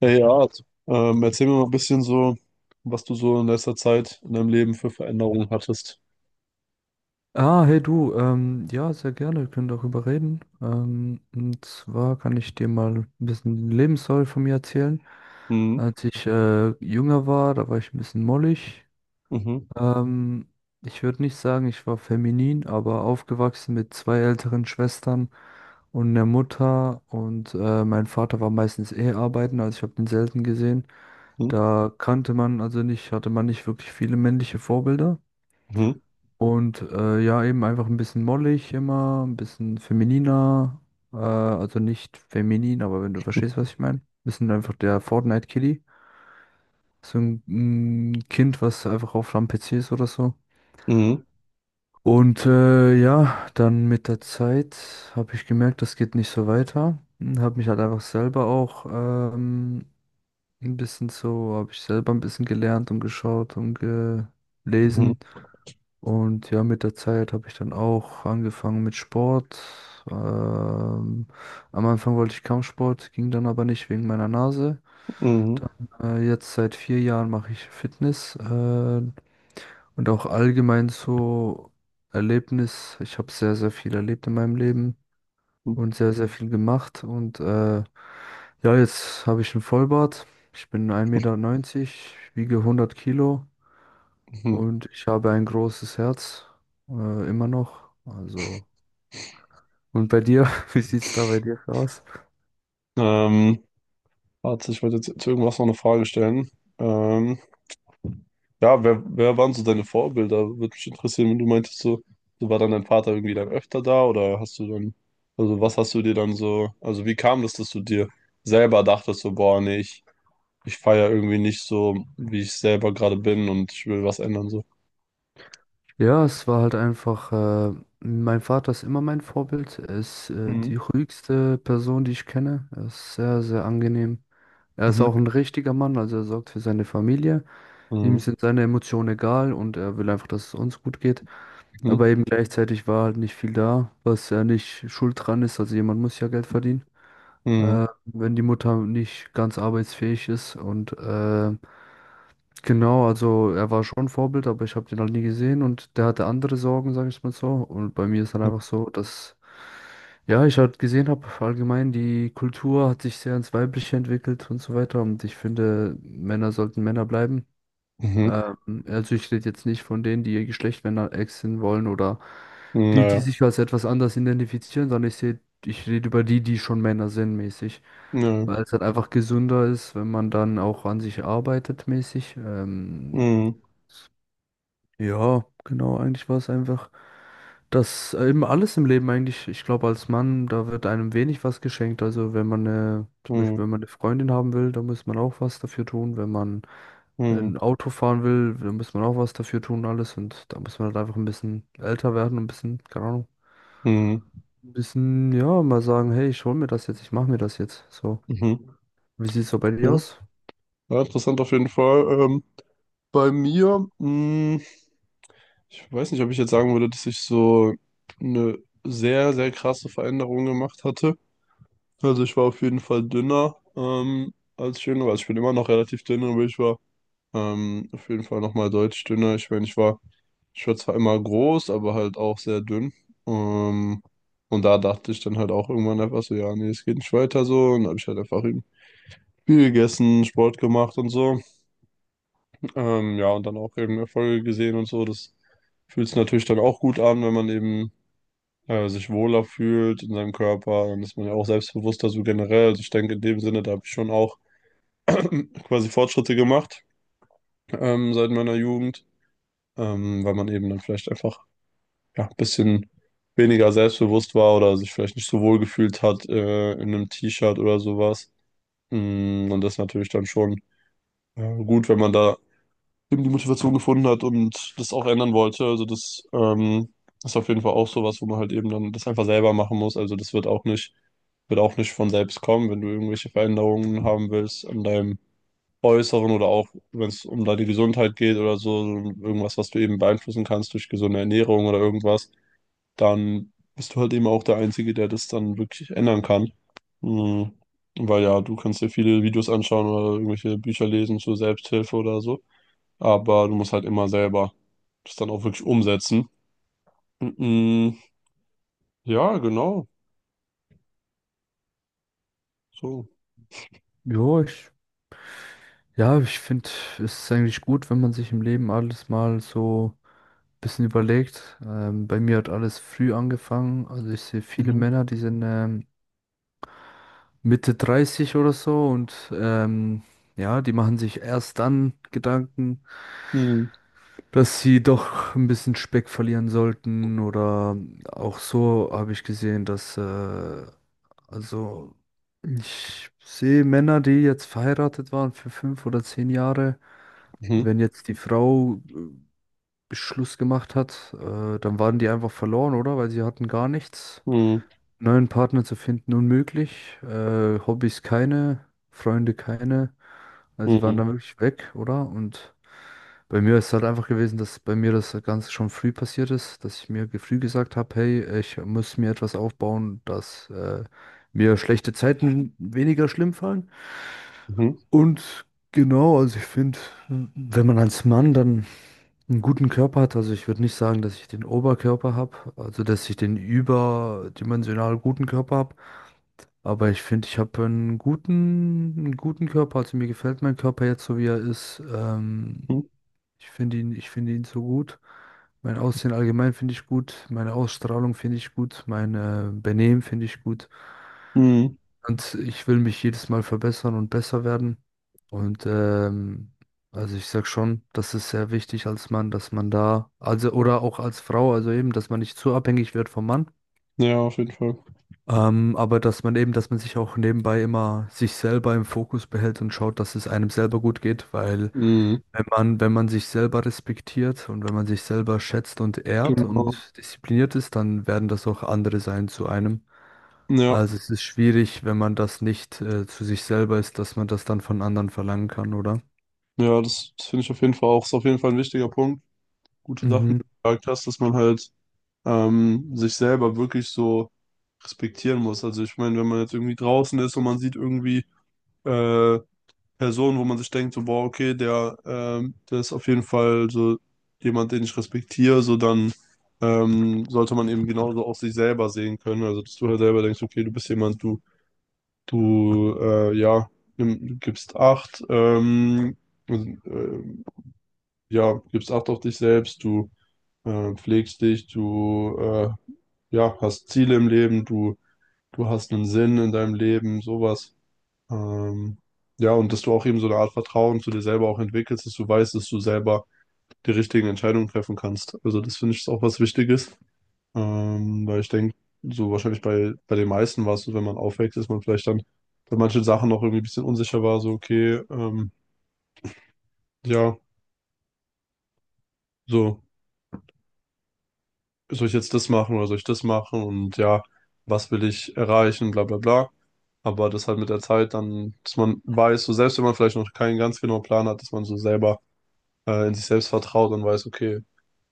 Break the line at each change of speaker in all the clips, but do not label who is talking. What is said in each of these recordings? Hey Art, erzähl mir mal ein bisschen so, was du so in letzter Zeit in deinem Leben für Veränderungen hattest.
Ah, hey du, ja, sehr gerne, wir können darüber reden. Und zwar kann ich dir mal ein bisschen Lebensstory von mir erzählen.
Mhm,
Als ich jünger war, da war ich ein bisschen mollig.
mhm,
Ähm, Ich würde nicht sagen, ich war feminin, aber aufgewachsen mit zwei älteren Schwestern und einer Mutter. Und mein Vater war meistens eh arbeiten, also ich habe ihn selten gesehen.
mhm,
Da kannte man also nicht, hatte man nicht wirklich viele männliche Vorbilder.
mhm,
Und ja, eben einfach ein bisschen mollig immer, ein bisschen femininer. Also nicht feminin, aber wenn du verstehst, was ich meine. Wir sind einfach der fortnite kitty. So ein Kind, was einfach auf am PC ist oder so.
mhm,
Und ja, dann mit der Zeit habe ich gemerkt, das geht nicht so weiter. Habe mich halt einfach selber auch ein bisschen so, habe ich selber ein bisschen gelernt und geschaut und gelesen. Und ja, mit der Zeit habe ich dann auch angefangen mit Sport. Ähm, Am Anfang wollte ich Kampfsport, ging dann aber nicht wegen meiner Nase.
mhm,
Jetzt seit 4 Jahren mache ich Fitness. Und auch allgemein so Erlebnis. Ich habe sehr, sehr viel erlebt in meinem Leben
mhm,
und sehr, sehr viel gemacht. Und ja, jetzt habe ich einen Vollbart. Ich bin 1,90 Meter, wiege 100 Kilo.
mhm.
Und ich habe ein großes Herz, immer noch. Also, und bei dir, wie sieht's da bei dir aus?
Ähm, Warte, ich wollte jetzt zu irgendwas noch eine Frage stellen. Ähm, ja, wer waren so deine Vorbilder? Würde mich interessieren, wenn du meintest, so war dann dein Vater irgendwie dann öfter da oder hast du dann, also was hast du dir dann so, also wie kam das, dass du dir selber dachtest, so, boah, nee, ich feiere irgendwie nicht so, wie ich selber gerade bin und ich will was ändern, so.
Ja, es war halt einfach, mein Vater ist immer mein Vorbild. Er ist, die
Mhm.
ruhigste Person, die ich kenne. Er ist sehr, sehr angenehm. Er ist
Mhm.
auch ein richtiger Mann, also er sorgt für seine Familie. Ihm
Mhm.
sind seine Emotionen egal und er will einfach, dass es uns gut geht.
Mhm.
Aber eben gleichzeitig war halt nicht viel da, was ja nicht schuld dran ist. Also jemand muss ja Geld verdienen,
Mhm.
wenn die Mutter nicht ganz arbeitsfähig ist. Und genau, also er war schon Vorbild, aber ich habe den halt nie gesehen und der hatte andere Sorgen, sage ich mal so. Und bei mir ist dann einfach so, dass ja, ich halt gesehen habe, allgemein die Kultur hat sich sehr ins Weibliche entwickelt und so weiter. Und ich finde, Männer sollten Männer bleiben.
Mhm.
Ähm, also ich rede jetzt nicht von denen, die ihr Geschlecht wechseln wollen oder die, die
Naja.
sich als etwas anders identifizieren, sondern ich rede über die, die schon Männer sind, mäßig.
Nö.
Weil es halt einfach gesünder ist, wenn man dann auch an sich arbeitet, mäßig.
Mhm.
Ja, genau, eigentlich war es einfach, dass eben alles im Leben eigentlich, ich glaube, als Mann, da wird einem wenig was geschenkt. Also wenn man eine, zum Beispiel,
Mhm.
wenn man eine Freundin haben will, da muss man auch was dafür tun. Wenn man
Mhm.
ein Auto fahren will, da muss man auch was dafür tun, alles. Und da muss man halt einfach ein bisschen älter werden, ein bisschen, keine Ahnung,
Mhm.
ein bisschen, ja, mal sagen, hey, ich hol mir das jetzt, ich mach mir das jetzt. So,
Mhm.
wie sieht's so bei dir
Ja.
aus?
Ja, interessant auf jeden Fall. Bei mir, ich weiß nicht, ob ich jetzt sagen würde, dass ich so eine sehr, sehr krasse Veränderung gemacht hatte. Also ich war auf jeden Fall dünner, als ich jünger war. Also ich bin immer noch relativ dünn, aber ich war auf jeden Fall nochmal deutlich dünner. Ich meine, ich war zwar immer groß, aber halt auch sehr dünn. Ähm, und da dachte ich dann halt auch irgendwann einfach so, ja, nee, es geht nicht weiter so. Und dann habe ich halt einfach eben viel gegessen, Sport gemacht und so. Ja, und dann auch eben Erfolge gesehen und so. Das fühlt sich natürlich dann auch gut an, wenn man eben sich wohler fühlt in seinem Körper. Dann ist man ja auch selbstbewusster so generell. Also ich denke, in dem Sinne, da habe ich schon auch quasi Fortschritte gemacht, seit meiner Jugend. Weil man eben dann vielleicht einfach ja, ein bisschen weniger selbstbewusst war oder sich vielleicht nicht so wohl gefühlt hat, in einem T-Shirt oder sowas. Und das ist natürlich dann schon gut, wenn man da eben die Motivation gefunden hat und das auch ändern wollte. Also das ist auf jeden Fall auch sowas, wo man halt eben dann das einfach selber machen muss. Also das wird auch nicht von selbst kommen, wenn du irgendwelche Veränderungen haben willst an deinem Äußeren oder auch, wenn es um da die Gesundheit geht oder so, irgendwas, was du eben beeinflussen kannst durch gesunde Ernährung oder irgendwas, dann bist du halt eben auch der Einzige, der das dann wirklich ändern kann. Mhm. Weil ja, du kannst dir viele Videos anschauen oder irgendwelche Bücher lesen zur Selbsthilfe oder so, aber du musst halt immer selber das dann auch wirklich umsetzen. Mhm. Ja, genau. So.
Ja, ich, ja, ich finde, es ist eigentlich gut, wenn man sich im Leben alles mal so bisschen überlegt. Bei mir hat alles früh angefangen. Also ich sehe viele
Mhm.
Männer, die sind Mitte 30 oder so und ja, die machen sich erst dann Gedanken,
Mhm.
dass sie doch ein bisschen Speck verlieren sollten oder auch so habe ich gesehen, dass also ich sehe Männer, die jetzt verheiratet waren für 5 oder 10 Jahre.
Mhm.
Wenn jetzt die Frau Schluss gemacht hat, dann waren die einfach verloren, oder? Weil sie hatten gar nichts.
Mhm.
Neuen Partner zu finden unmöglich, Hobbys keine, Freunde keine. Also die waren
Mhm.
dann wirklich weg, oder? Und bei mir ist es halt einfach gewesen, dass bei mir das Ganze schon früh passiert ist, dass ich mir früh gesagt habe, hey, ich muss mir etwas aufbauen, dass mir schlechte Zeiten weniger schlimm fallen.
Mhm.
Und genau, also ich finde, wenn man als Mann dann einen guten Körper hat, also ich würde nicht sagen, dass ich den Oberkörper habe, also dass ich den überdimensional guten Körper habe. Aber ich finde, ich habe einen guten Körper. Also mir gefällt mein Körper jetzt so, wie er ist.
Mhm.
Ich finde ihn, ich finde ihn so gut. Mein Aussehen allgemein finde ich gut. Meine Ausstrahlung finde ich gut. Mein Benehmen finde ich gut.
Mhm.
Und ich will mich jedes Mal verbessern und besser werden. Und also ich sag schon, das ist sehr wichtig als Mann, dass man da, also oder auch als Frau, also eben, dass man nicht zu abhängig wird vom Mann.
Ja, auf jeden Fall.
Aber dass man eben, dass man sich auch nebenbei immer sich selber im Fokus behält und schaut, dass es einem selber gut geht, weil
Mhm.
wenn man sich selber respektiert und wenn man sich selber schätzt und ehrt
Genau.
und diszipliniert ist, dann werden das auch andere sein zu einem.
Ja.
Also es ist schwierig, wenn man das nicht zu sich selber ist, dass man das dann von anderen verlangen kann, oder?
Ja, das finde ich auf jeden Fall auch, ist auf jeden Fall ein wichtiger Punkt. Gute Sachen, die
Mhm.
du gesagt hast, dass man halt sich selber wirklich so respektieren muss. Also ich meine, wenn man jetzt irgendwie draußen ist und man sieht irgendwie äh, Personen, wo man sich denkt, so, boah, okay, der ist auf jeden Fall so jemand, den ich respektiere, so dann sollte man eben genauso auch sich selber sehen können. Also dass du halt selber denkst, okay, du bist jemand, du, ja, nimm, gibst Acht, ähm, äh, ja, gibst Acht auf dich selbst, du pflegst dich, du ja, hast Ziele im Leben, du hast einen Sinn in deinem Leben, sowas. Ähm, ja, und dass du auch eben so eine Art Vertrauen zu dir selber auch entwickelst, dass du weißt, dass du selber die richtigen Entscheidungen treffen kannst. Also das finde ich ist auch was Wichtiges, weil ich denke, so wahrscheinlich bei den meisten war es so, wenn man aufwächst, ist man vielleicht dann bei manchen Sachen noch irgendwie ein bisschen unsicher war, so okay, ja, so, soll ich jetzt das machen oder soll ich das machen und ja, was will ich erreichen, bla bla bla. Aber das halt mit der Zeit dann, dass man weiß, so selbst wenn man vielleicht noch keinen ganz genauen Plan hat, dass man so selber in sich selbst vertraut und weiß, okay,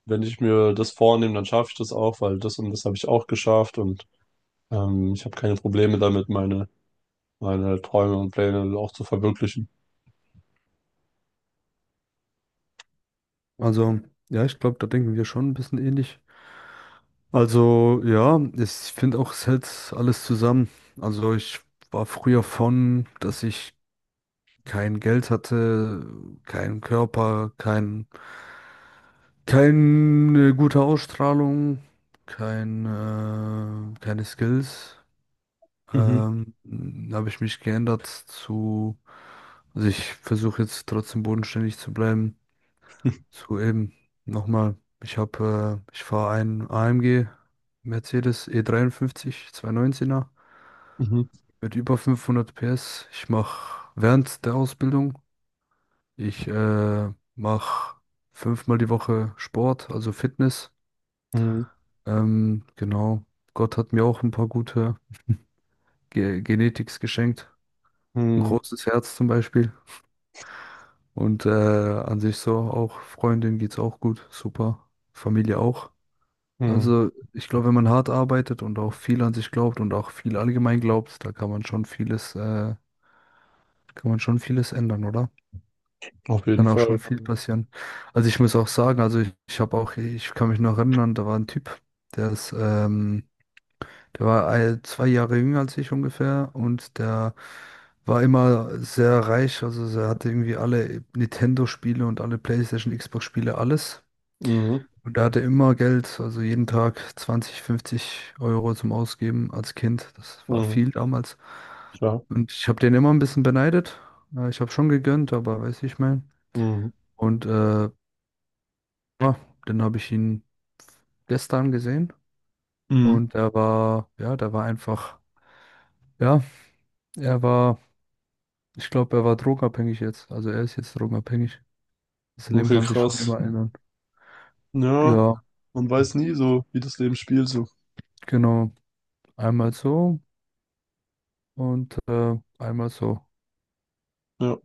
wenn ich mir das vornehme, dann schaffe ich das auch, weil das und das habe ich auch geschafft und ich habe keine Probleme damit, meine Träume und Pläne auch zu verwirklichen.
Also ja, ich glaube, da denken wir schon ein bisschen ähnlich. Also ja, ich finde auch, es hält alles zusammen. Also ich war früher von, dass ich kein Geld hatte, keinen Körper, kein, keine gute Ausstrahlung, kein, keine Skills.
Mhm,
Ähm, Habe ich mich geändert zu, also ich versuche jetzt trotzdem bodenständig zu bleiben. So eben, nochmal, ich habe, ich fahre einen AMG Mercedes E53 219er
mhm,
mit über 500 PS. Ich mache während der Ausbildung, ich mache fünfmal die Woche Sport, also Fitness.
mhm,
Genau, Gott hat mir auch ein paar gute Ge Genetics geschenkt. Ein
mhm,
großes Herz zum Beispiel. Und an sich so auch, Freundin geht's auch gut, super. Familie auch.
mhm.
Also, ich glaube, wenn man hart arbeitet und auch viel an sich glaubt und auch viel allgemein glaubt, da kann man schon vieles ändern, oder?
Auf jeden
Kann auch
Fall.
schon viel passieren. Also ich muss auch sagen, also ich habe auch, ich kann mich noch erinnern, da war ein Typ, der ist, ähm, der war 2 Jahre jünger als ich ungefähr und der war immer sehr reich, also er hatte irgendwie alle Nintendo-Spiele und alle PlayStation, Xbox-Spiele, alles.
Mhm,
Und er hatte immer Geld, also jeden Tag 20, 50 € zum Ausgeben als Kind. Das war
mhm,
viel damals.
ja.
Und ich habe den immer ein bisschen beneidet. Ich habe schon gegönnt, aber weiß ich mein.
Mhm,
Und ja, dann habe ich ihn gestern gesehen.
mhm.
Und er war, ja, der war einfach, ja, er war, ich glaube, er war drogenabhängig jetzt. Also er ist jetzt drogenabhängig. Das Leben
Okay,
kann sich schon
krass.
immer ändern.
Ja,
Ja,
man weiß nie so, wie das Leben spielt, so.
genau. Einmal so und einmal so.
Ja.